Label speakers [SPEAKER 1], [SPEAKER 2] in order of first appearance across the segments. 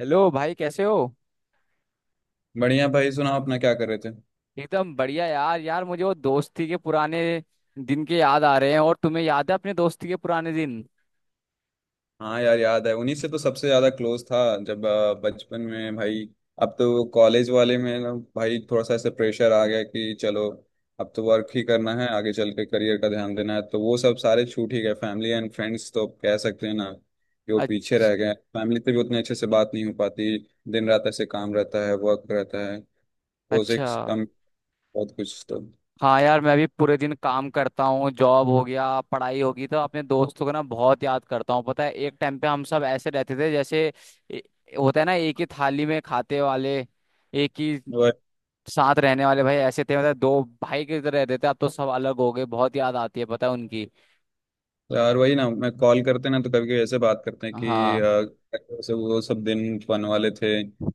[SPEAKER 1] Hello भाई, कैसे हो?
[SPEAKER 2] बढ़िया भाई, सुनाओ अपना क्या कर रहे थे।
[SPEAKER 1] एकदम बढ़िया यार। मुझे वो दोस्ती के पुराने दिन के याद आ रहे हैं। और तुम्हें याद है अपने दोस्ती के पुराने दिन?
[SPEAKER 2] हाँ यार, याद है, उन्हीं से तो सबसे ज्यादा क्लोज था जब बचपन में, भाई। अब तो कॉलेज वाले में ना भाई थोड़ा सा ऐसे प्रेशर आ गया कि चलो अब तो वर्क ही करना है, आगे चल के करियर का ध्यान देना है, तो वो सब सारे छूट ही गए। फैमिली एंड फ्रेंड्स तो अब कह सकते हैं ना कि वो पीछे
[SPEAKER 1] अच्छा।
[SPEAKER 2] रह गए। फैमिली से भी उतने अच्छे से बात नहीं हो पाती। दिन रात ऐसे काम रहता है, वर्क रहता है,
[SPEAKER 1] अच्छा।
[SPEAKER 2] प्रोजेक्ट्स कम, बहुत कुछ।
[SPEAKER 1] हाँ यार, मैं भी पूरे दिन काम करता हूँ। जॉब हो गया, पढ़ाई होगी, तो अपने दोस्तों को ना बहुत याद करता हूँ। पता है, एक टाइम पे हम सब ऐसे रहते थे जैसे ए- होता है ना, एक ही थाली में खाते वाले, एक ही साथ रहने वाले। भाई ऐसे थे, मतलब दो भाई की तरह रहते थे। अब तो सब अलग हो गए। बहुत याद आती है पता है उनकी।
[SPEAKER 2] तो यार वही ना, मैं कॉल करते ना तो कभी कभी ऐसे बात करते हैं कि
[SPEAKER 1] हाँ।
[SPEAKER 2] वैसे वो सब दिन फन वाले थे।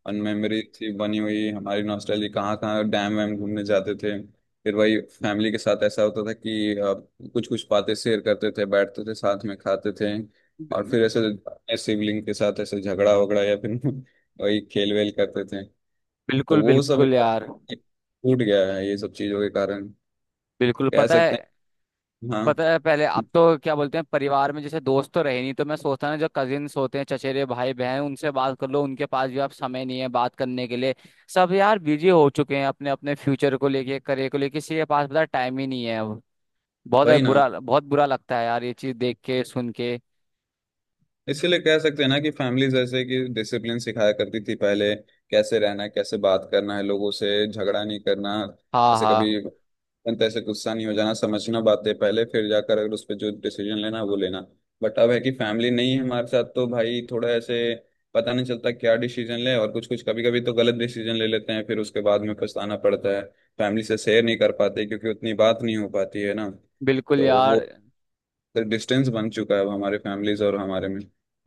[SPEAKER 2] अन मेमोरी थी बनी हुई, हमारी नॉस्टैल्जी, कहाँ कहाँ डैम वैम घूमने जाते थे। फिर वही फैमिली के साथ ऐसा होता था कि कुछ कुछ बातें शेयर करते थे, बैठते थे, साथ में खाते थे। और फिर ऐसे अपने सिबलिंग के साथ ऐसे झगड़ा वगड़ा या फिर वही खेल वेल करते थे। तो
[SPEAKER 1] बिल्कुल
[SPEAKER 2] वो सब
[SPEAKER 1] बिल्कुल यार।
[SPEAKER 2] टूट गया है, ये सब चीजों के कारण,
[SPEAKER 1] बिल्कुल।
[SPEAKER 2] कह
[SPEAKER 1] पता है,
[SPEAKER 2] सकते हैं। हाँ,
[SPEAKER 1] पता है पहले, अब तो क्या बोलते हैं, परिवार में जैसे दोस्त तो रहे नहीं, तो मैं सोचता ना जो कजिन्स होते हैं, चचेरे भाई बहन, उनसे बात कर लो। उनके पास भी अब समय नहीं है बात करने के लिए। सब यार बिजी हो चुके हैं अपने अपने फ्यूचर को लेके, करियर को लेके। किसी के पास पता टाइम ही नहीं है अब। बहुत
[SPEAKER 2] वही ना,
[SPEAKER 1] बुरा, बहुत बुरा लगता है यार ये चीज देख के, सुन के।
[SPEAKER 2] इसीलिए कह सकते हैं ना कि फैमिली जैसे कि डिसिप्लिन सिखाया करती थी पहले। कैसे रहना है, कैसे बात करना है लोगों से, झगड़ा नहीं करना,
[SPEAKER 1] हाँ
[SPEAKER 2] जैसे कभी
[SPEAKER 1] हाँ।
[SPEAKER 2] तैसे गुस्सा नहीं हो जाना, समझना बातें पहले, फिर जाकर अगर उस पर जो डिसीजन लेना है वो लेना। बट अब है कि फैमिली नहीं है हमारे साथ तो भाई थोड़ा ऐसे पता नहीं चलता क्या डिसीजन ले, और कुछ कुछ कभी कभी तो गलत डिसीजन ले लेते हैं, फिर उसके बाद में पछताना पड़ता है। फैमिली से शेयर नहीं कर पाते क्योंकि उतनी बात नहीं हो पाती है ना।
[SPEAKER 1] बिल्कुल
[SPEAKER 2] तो वो
[SPEAKER 1] यार।
[SPEAKER 2] डिस्टेंस बन चुका है अब हमारे फैमिलीज और हमारे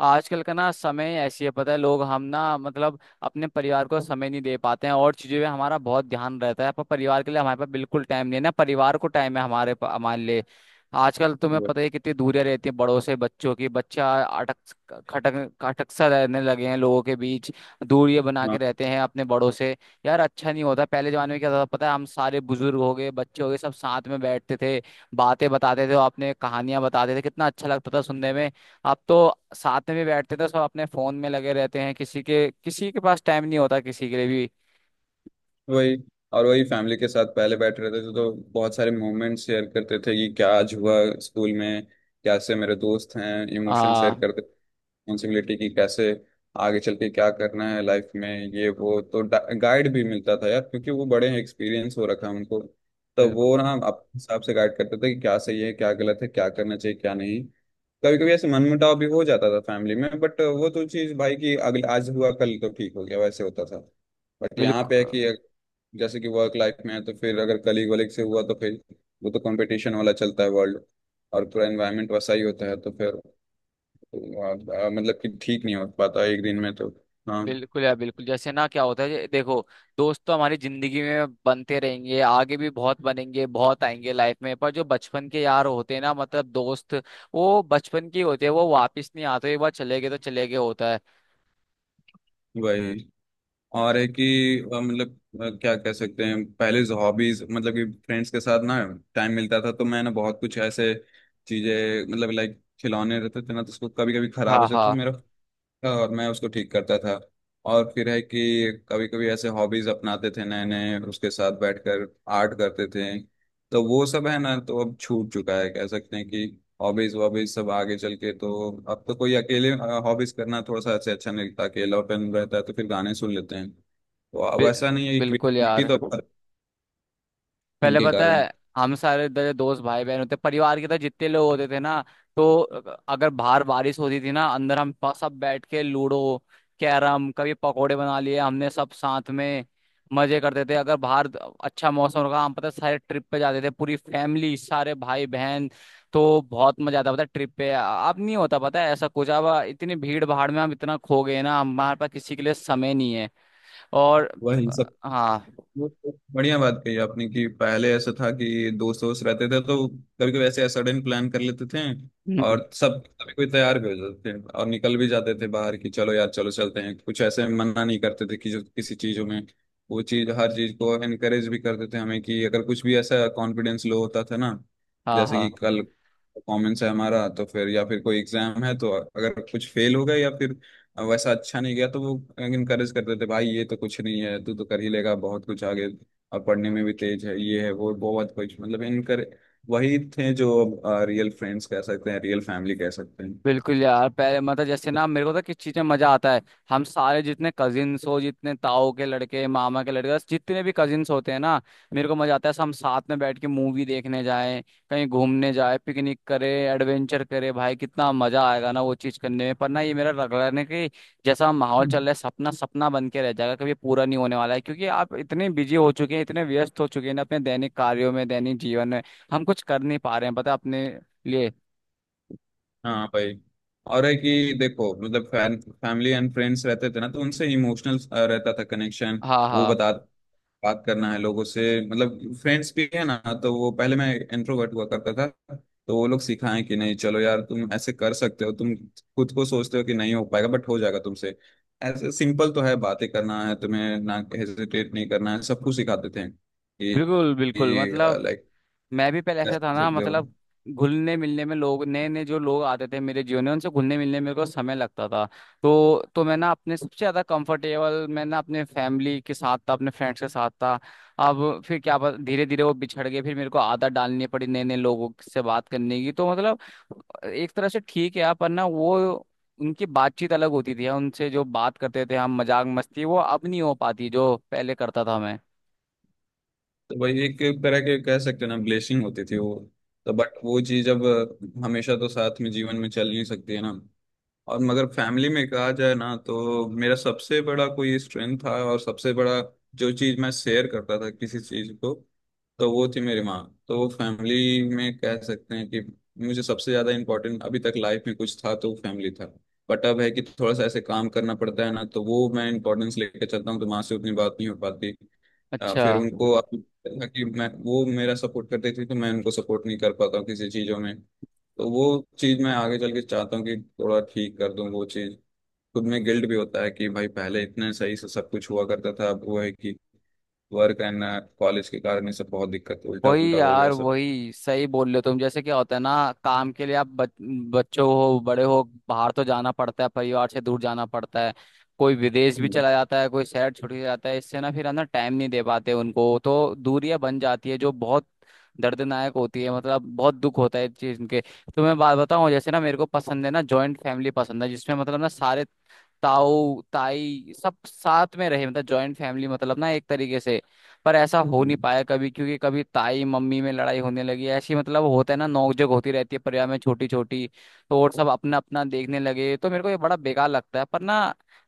[SPEAKER 1] आजकल का ना समय ऐसी है, पता है, लोग हम ना मतलब अपने परिवार को समय नहीं दे पाते हैं। और चीजों में हमारा बहुत ध्यान रहता है, पर परिवार के लिए हमारे पास बिल्कुल टाइम नहीं है। ना परिवार को टाइम है हमारे हमारे लिए। आजकल तुम्हें
[SPEAKER 2] में।
[SPEAKER 1] पता ही है कितनी दूरियां रहती हैं बड़ों से बच्चों की। बच्चा अटक खटक खटक सा रहने लगे हैं लोगों के बीच। दूरियां बना के
[SPEAKER 2] हाँ,
[SPEAKER 1] रहते हैं अपने बड़ों से। यार अच्छा नहीं होता। पहले जमाने में क्या था पता है, हम सारे बुजुर्ग हो गए, बच्चे हो गए, सब साथ में बैठते थे। बातें बताते थे और अपने कहानियां बताते थे, कितना अच्छा लगता था सुनने में। आप तो साथ में भी बैठते थे। सब अपने फोन में लगे रहते हैं, किसी के पास टाइम नहीं होता किसी के लिए भी।
[SPEAKER 2] वही। और वही फैमिली के साथ पहले बैठ रहे थे तो, बहुत सारे मोमेंट शेयर करते थे कि क्या आज हुआ स्कूल में, कैसे मेरे दोस्त हैं, इमोशन शेयर
[SPEAKER 1] आ।
[SPEAKER 2] करते, रिस्पॉन्सिबिलिटी की, कैसे आगे चल के क्या करना है लाइफ में, ये वो। तो गाइड भी मिलता था यार, क्योंकि वो बड़े हैं, एक्सपीरियंस हो रखा है उनको। तो
[SPEAKER 1] बिल्कुल
[SPEAKER 2] वो ना अपने हिसाब से गाइड करते थे कि क्या सही है, क्या गलत है, क्या करना चाहिए क्या नहीं। कभी कभी ऐसे मनमुटाव भी हो जाता था फैमिली में, बट वो तो चीज़ भाई की, अगले आज हुआ कल तो ठीक हो गया, वैसे होता था। बट यहाँ पे है
[SPEAKER 1] बिल्कुल।
[SPEAKER 2] कि जैसे कि वर्क लाइफ में है तो फिर अगर कलीग वलीग से हुआ तो फिर वो तो कंपटीशन वाला चलता है वर्ल्ड, और पूरा एनवायरनमेंट वैसा ही होता है। तो फिर आ, मतलब कि ठीक नहीं हो पाता एक दिन में तो। हाँ,
[SPEAKER 1] बिल्कुल यार बिल्कुल। जैसे ना क्या होता है, ये देखो, दोस्त तो हमारी जिंदगी में बनते रहेंगे, आगे भी बहुत बनेंगे, बहुत आएंगे लाइफ में। पर जो बचपन के यार होते हैं ना, मतलब दोस्त, वो बचपन के ही होते हैं। वो वापस नहीं आते, एक बार चले गए तो चले गए होता है।
[SPEAKER 2] वही। और है कि मतलब क्या कह सकते हैं, पहले हॉबीज मतलब कि फ्रेंड्स के साथ ना टाइम मिलता था तो मैं ना बहुत कुछ ऐसे चीजें, मतलब लाइक खिलौने रहते थे ना तो उसको कभी कभी खराब हो
[SPEAKER 1] हाँ
[SPEAKER 2] जाता था
[SPEAKER 1] हाँ।
[SPEAKER 2] मेरा, और मैं उसको ठीक करता था। और फिर है कि कभी कभी ऐसे हॉबीज अपनाते थे नए नए, उसके साथ बैठकर आर्ट करते थे। तो वो सब है ना, तो अब छूट चुका है, कह सकते हैं कि हॉबीज वॉबीज सब आगे चल के, तो अब तो कोई अकेले हॉबीज करना थोड़ा सा ऐसे अच्छा नहीं लगता, अकेलापन रहता है, तो फिर गाने सुन लेते हैं, तो अब
[SPEAKER 1] बि-
[SPEAKER 2] ऐसा नहीं है कि
[SPEAKER 1] बिल्कुल
[SPEAKER 2] क्रिएटिविटी
[SPEAKER 1] यार।
[SPEAKER 2] तो
[SPEAKER 1] पहले
[SPEAKER 2] उनके
[SPEAKER 1] पता
[SPEAKER 2] कारण
[SPEAKER 1] है हम सारे दोस्त, भाई बहन होते परिवार के, तो जितने लोग होते थे ना, तो अगर बाहर बारिश होती थी ना, अंदर हम सब बैठ के लूडो, कैरम, कभी पकोड़े बना लिए हमने सब साथ में। मजे करते थे। अगर बाहर अच्छा मौसम होगा, हम पता है सारे ट्रिप पे जाते थे, पूरी फैमिली, सारे भाई बहन। तो बहुत मजा आता पता है ट्रिप पे। अब नहीं होता पता है ऐसा कुछ। अब इतनी भीड़ भाड़ में हम इतना खो गए ना, हमारे पास किसी के लिए समय नहीं है। और
[SPEAKER 2] वह इन सब।
[SPEAKER 1] हाँ।
[SPEAKER 2] वो तो बढ़िया बात कही आपने कि पहले ऐसा था कि दोस्त दोस्त रहते थे तो कभी कभी ऐसे सडन प्लान कर लेते थे,
[SPEAKER 1] हम्म,
[SPEAKER 2] और सब सभी कोई तैयार भी हो जाते थे और निकल भी जाते थे बाहर कि चलो यार चलो चलते हैं कुछ, ऐसे मना नहीं करते थे कि जो किसी चीजों में, वो चीज हर चीज को एनकरेज भी करते थे हमें कि अगर कुछ भी ऐसा कॉन्फिडेंस लो होता था ना,
[SPEAKER 1] हाँ
[SPEAKER 2] जैसे कि
[SPEAKER 1] हाँ।
[SPEAKER 2] कल परफॉर्मेंस है हमारा तो फिर, या फिर कोई एग्जाम है तो अगर कुछ फेल हो गए या फिर अब वैसा अच्छा नहीं गया, तो वो इनकरेज करते थे भाई ये तो कुछ नहीं है, तू तो कर ही लेगा बहुत कुछ आगे, अब पढ़ने में भी तेज है, ये है वो, बहुत कुछ, मतलब इनकर, वही थे जो रियल फ्रेंड्स कह सकते हैं, रियल फैमिली कह सकते हैं।
[SPEAKER 1] बिल्कुल यार। पहले मतलब जैसे ना, मेरे को तो किस चीज में मजा आता है, हम सारे जितने कजिन्स हो, जितने ताऊ के लड़के, मामा के लड़के, जितने भी कजिन्स होते हैं ना, मेरे को मजा आता है सब हम साथ में बैठ के मूवी देखने जाएं, कहीं घूमने जाएं, पिकनिक करें, एडवेंचर करें। भाई कितना मजा आएगा ना वो चीज करने में। पर ना ये मेरा रगड़ने की जैसा माहौल चल
[SPEAKER 2] हम्म।
[SPEAKER 1] रहा है, सपना सपना बन के रह जाएगा, कभी पूरा नहीं होने वाला है। क्योंकि आप इतने बिजी हो चुके हैं, इतने व्यस्त हो चुके हैं ना अपने दैनिक कार्यों में, दैनिक जीवन में। हम कुछ कर नहीं पा रहे हैं पता है अपने लिए।
[SPEAKER 2] हाँ भाई। और है कि देखो, मतलब फैमिली एंड फ्रेंड्स रहते थे ना तो उनसे इमोशनल रहता था कनेक्शन।
[SPEAKER 1] हाँ
[SPEAKER 2] वो
[SPEAKER 1] हाँ।
[SPEAKER 2] बता, बात करना है लोगों से, मतलब फ्रेंड्स भी है ना, तो वो पहले मैं इंट्रोवर्ट हुआ करता था, तो वो लोग सिखाएं कि नहीं चलो यार तुम ऐसे कर सकते हो, तुम खुद को सोचते हो कि नहीं हो पाएगा, बट हो जाएगा तुमसे, ऐसे सिंपल तो है बातें करना है, तुम्हें ना हेजिटेट नहीं करना है, सब कुछ सिखाते थे कि
[SPEAKER 1] बिल्कुल बिल्कुल मतलब।
[SPEAKER 2] लाइक
[SPEAKER 1] मैं भी पहले
[SPEAKER 2] कह
[SPEAKER 1] ऐसा था ना,
[SPEAKER 2] सकते हो।
[SPEAKER 1] मतलब घुलने मिलने में, लोग नए नए जो लोग आते थे मेरे जीवन में उनसे घुलने मिलने में मेरे को समय लगता था। तो मैं ना अपने सबसे ज़्यादा कंफर्टेबल मैं ना अपने फैमिली के साथ था, अपने फ्रेंड्स के साथ था। अब फिर क्या पता, धीरे धीरे वो बिछड़ गए, फिर मेरे को आदत डालनी पड़ी नए नए लोगों से बात करने की। तो मतलब एक तरह से ठीक है यार, पर ना वो उनकी बातचीत अलग होती थी, उनसे जो बात करते थे हम मजाक मस्ती, वो अब नहीं हो पाती जो पहले करता था मैं।
[SPEAKER 2] तो वही, एक तरह के कह सकते हो ना, ब्लेसिंग होती थी वो। तो बट वो चीज अब हमेशा तो साथ में जीवन में चल नहीं सकती है ना। और मगर फैमिली में कहा जाए ना तो मेरा सबसे बड़ा कोई स्ट्रेंथ था और सबसे बड़ा जो चीज़ मैं शेयर करता था किसी चीज़ को, तो वो थी मेरी माँ। तो वो फैमिली में कह सकते हैं कि मुझे सबसे ज़्यादा इम्पोर्टेंट अभी तक लाइफ में कुछ था तो वो फैमिली था। बट अब है कि थोड़ा सा ऐसे काम करना पड़ता है ना तो वो मैं इंपॉर्टेंस लेके चलता हूँ, तो माँ से उतनी बात नहीं हो पाती।
[SPEAKER 1] अच्छा।
[SPEAKER 2] फिर उनको अब था कि मैं वो मेरा सपोर्ट करती थी तो मैं उनको सपोर्ट नहीं कर पाता हूँ किसी चीज़ों में। तो वो चीज़ मैं आगे चल के चाहता हूँ कि थोड़ा ठीक कर दूँ वो चीज़। खुद में गिल्ट भी होता है कि भाई पहले इतने सही से सब कुछ हुआ करता था, अब वो है कि वर्क एंड कॉलेज के कारण ये सब बहुत दिक्कत, उल्टा
[SPEAKER 1] वही
[SPEAKER 2] पुल्टा हो गया
[SPEAKER 1] यार
[SPEAKER 2] सब।
[SPEAKER 1] वही, सही बोल रहे हो तुम। जैसे क्या होता है ना, काम के लिए आप बच्चों हो, बड़े हो, बाहर तो जाना पड़ता है, परिवार से दूर जाना पड़ता है। कोई विदेश भी
[SPEAKER 2] हम्म,
[SPEAKER 1] चला जाता है, कोई शहर छुट्टी जाता है। इससे ना फिर है ना, टाइम नहीं दे पाते उनको, तो दूरियां बन जाती है जो बहुत दर्दनायक होती है। मतलब बहुत दुख होता है इस चीज के। तो मैं बात बताऊं, जैसे ना मेरे को पसंद है ना जॉइंट फैमिली पसंद है, जिसमें मतलब ना सारे ताऊ ताई सब साथ में रहे, मतलब जॉइंट फैमिली, मतलब ना एक तरीके से। पर ऐसा हो नहीं
[SPEAKER 2] हम्म।
[SPEAKER 1] पाया कभी, क्योंकि कभी ताई मम्मी में लड़ाई होने लगी ऐसी, मतलब होता है ना नोकझोंक होती रहती है परिवार में छोटी छोटी। तो और सब अपना अपना देखने लगे, तो मेरे को ये बड़ा बेकार लगता है। पर ना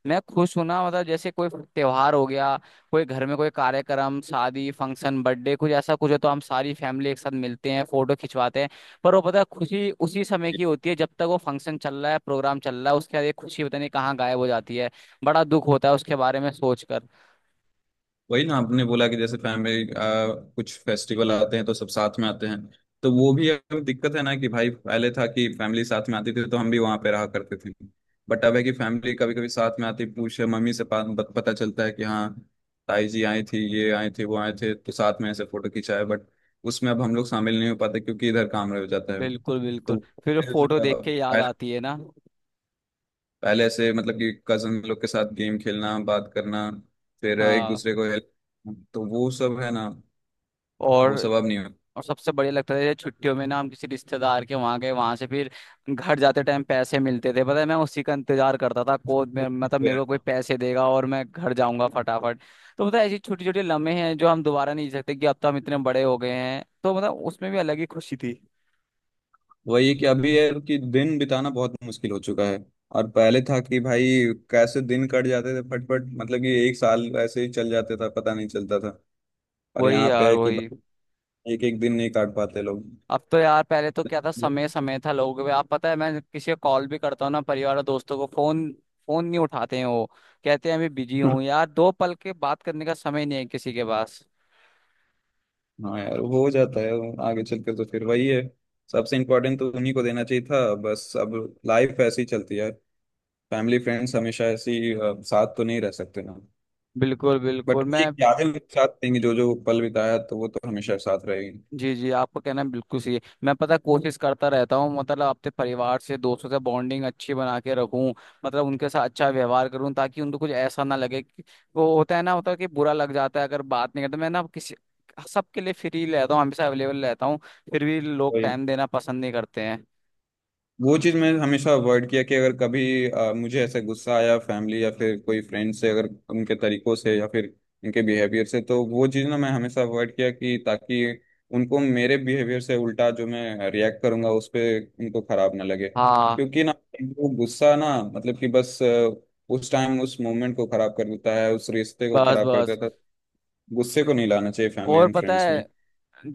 [SPEAKER 1] मैं खुश हूं ना, मतलब जैसे कोई त्योहार हो गया, कोई घर में कोई कार्यक्रम, शादी, फंक्शन, बर्थडे, कुछ ऐसा कुछ है, तो हम सारी फैमिली एक साथ मिलते हैं, फोटो खिंचवाते हैं। पर वो पता है खुशी उसी समय की होती है जब तक वो फंक्शन चल रहा है, प्रोग्राम चल रहा है। उसके बाद ये खुशी पता नहीं कहाँ गायब हो जाती है। बड़ा दुख होता है उसके बारे में सोचकर।
[SPEAKER 2] वही ना आपने बोला कि जैसे फैमिली कुछ फेस्टिवल आते हैं तो सब साथ में आते हैं। तो वो भी अब दिक्कत है ना कि भाई पहले था कि फैमिली साथ में आती थी तो हम भी वहां पे रहा करते थे। बट अब है कि फैमिली कभी कभी साथ में आती पूछे मम्मी से पा- पत- पता चलता है कि हाँ ताई जी आई थी, ये आए थे, वो आए थे, तो साथ में ऐसे फोटो खिंचाए, बट उसमें अब हम लोग शामिल नहीं हो पाते क्योंकि इधर काम रह जाता है।
[SPEAKER 1] बिल्कुल
[SPEAKER 2] तो
[SPEAKER 1] बिल्कुल। फिर फोटो देख के याद
[SPEAKER 2] पहले,
[SPEAKER 1] आती है ना।
[SPEAKER 2] पहले से मतलब कि कजन लोग के साथ गेम खेलना, बात करना, फिर एक
[SPEAKER 1] हाँ।
[SPEAKER 2] दूसरे को हेल्प, तो वो सब है ना, वो
[SPEAKER 1] और।
[SPEAKER 2] सब अब नहीं हो।
[SPEAKER 1] और सबसे बढ़िया लगता था जैसे छुट्टियों में ना, हम किसी रिश्तेदार के वहां गए, वहां से फिर घर जाते टाइम पैसे मिलते थे। पता है मैं उसी का इंतजार करता था को मतलब मेरे को कोई पैसे देगा और मैं घर जाऊंगा फटाफट। तो मतलब ऐसी छोटी छोटी लम्हे हैं जो हम दोबारा नहीं जी सकते, कि अब तो हम इतने बड़े हो गए हैं, तो मतलब उसमें भी अलग ही खुशी थी।
[SPEAKER 2] वही है कि अभी है कि दिन बिताना बहुत मुश्किल हो चुका है। और पहले था कि भाई कैसे दिन कट जाते थे फटफट, मतलब कि एक साल ऐसे ही चल जाते था, पता नहीं चलता था। और
[SPEAKER 1] वही
[SPEAKER 2] यहाँ पे
[SPEAKER 1] यार
[SPEAKER 2] है कि
[SPEAKER 1] वही।
[SPEAKER 2] एक एक दिन नहीं काट पाते लोग।
[SPEAKER 1] अब तो यार पहले तो क्या था, समय समय था लोगों के आप। पता है, मैं किसी को कॉल भी करता हूँ ना परिवार और दोस्तों को, फोन फोन नहीं उठाते हैं वो। कहते हैं अभी बिजी हूँ यार, दो पल के बात करने का समय नहीं है किसी के पास।
[SPEAKER 2] हाँ यार, हो जाता है। आगे चलकर तो फिर वही है, सबसे इम्पोर्टेंट तो उन्हीं को देना चाहिए था बस। अब लाइफ ऐसे ही चलती है, फैमिली फ्रेंड्स हमेशा ऐसी साथ तो नहीं रह सकते ना।
[SPEAKER 1] बिल्कुल
[SPEAKER 2] बट
[SPEAKER 1] बिल्कुल मैं।
[SPEAKER 2] एक यादें उनके साथ रहेंगी, जो जो पल बिताया तो वो तो हमेशा साथ रहेगी।
[SPEAKER 1] जी जी, आपका कहना बिल्कुल सही है। मैं पता है, कोशिश करता रहता हूँ, मतलब अपने परिवार से दोस्तों से बॉन्डिंग अच्छी बना के रखूं, मतलब उनके साथ अच्छा व्यवहार करूं, ताकि उनको कुछ ऐसा ना लगे कि- वो होता है ना, होता है कि बुरा लग जाता है अगर बात नहीं करते। मैं ना किसी सबके लिए फ्री रहता हूँ, हमेशा अवेलेबल रहता हूँ। फिर भी लोग टाइम देना पसंद नहीं करते हैं।
[SPEAKER 2] वो चीज़ मैं हमेशा अवॉइड किया कि अगर कभी मुझे ऐसा गुस्सा आया फैमिली या फिर कोई फ्रेंड से, अगर उनके तरीकों से या फिर उनके बिहेवियर से, तो वो चीज़ ना मैं हमेशा अवॉइड किया कि ताकि उनको मेरे बिहेवियर से उल्टा जो मैं रिएक्ट करूंगा उस पर उनको खराब ना लगे,
[SPEAKER 1] हाँ।
[SPEAKER 2] क्योंकि ना वो गुस्सा ना मतलब कि बस उस टाइम उस मोमेंट को खराब कर देता है, उस रिश्ते को
[SPEAKER 1] बस
[SPEAKER 2] खराब कर
[SPEAKER 1] बस।
[SPEAKER 2] देता है। गुस्से को नहीं लाना चाहिए फैमिली
[SPEAKER 1] और
[SPEAKER 2] एंड
[SPEAKER 1] पता
[SPEAKER 2] फ्रेंड्स में।
[SPEAKER 1] है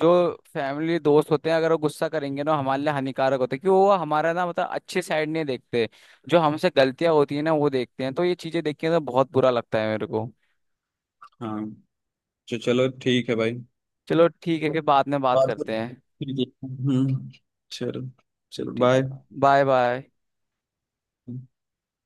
[SPEAKER 1] जो फैमिली दोस्त होते हैं, अगर वो गुस्सा करेंगे ना, हमारे लिए हानिकारक होते हैं, क्योंकि वो हमारा ना मतलब अच्छे साइड नहीं देखते। जो हमसे गलतियां होती है ना वो देखते हैं। तो ये चीजें देख के ना बहुत बुरा लगता है मेरे को।
[SPEAKER 2] हाँ, तो चलो ठीक है भाई।
[SPEAKER 1] चलो ठीक है, फिर बाद में बात
[SPEAKER 2] और
[SPEAKER 1] करते हैं।
[SPEAKER 2] ठीक है। हम्म, चलो, चलो
[SPEAKER 1] ठीक
[SPEAKER 2] बाय।
[SPEAKER 1] है। Bye bye.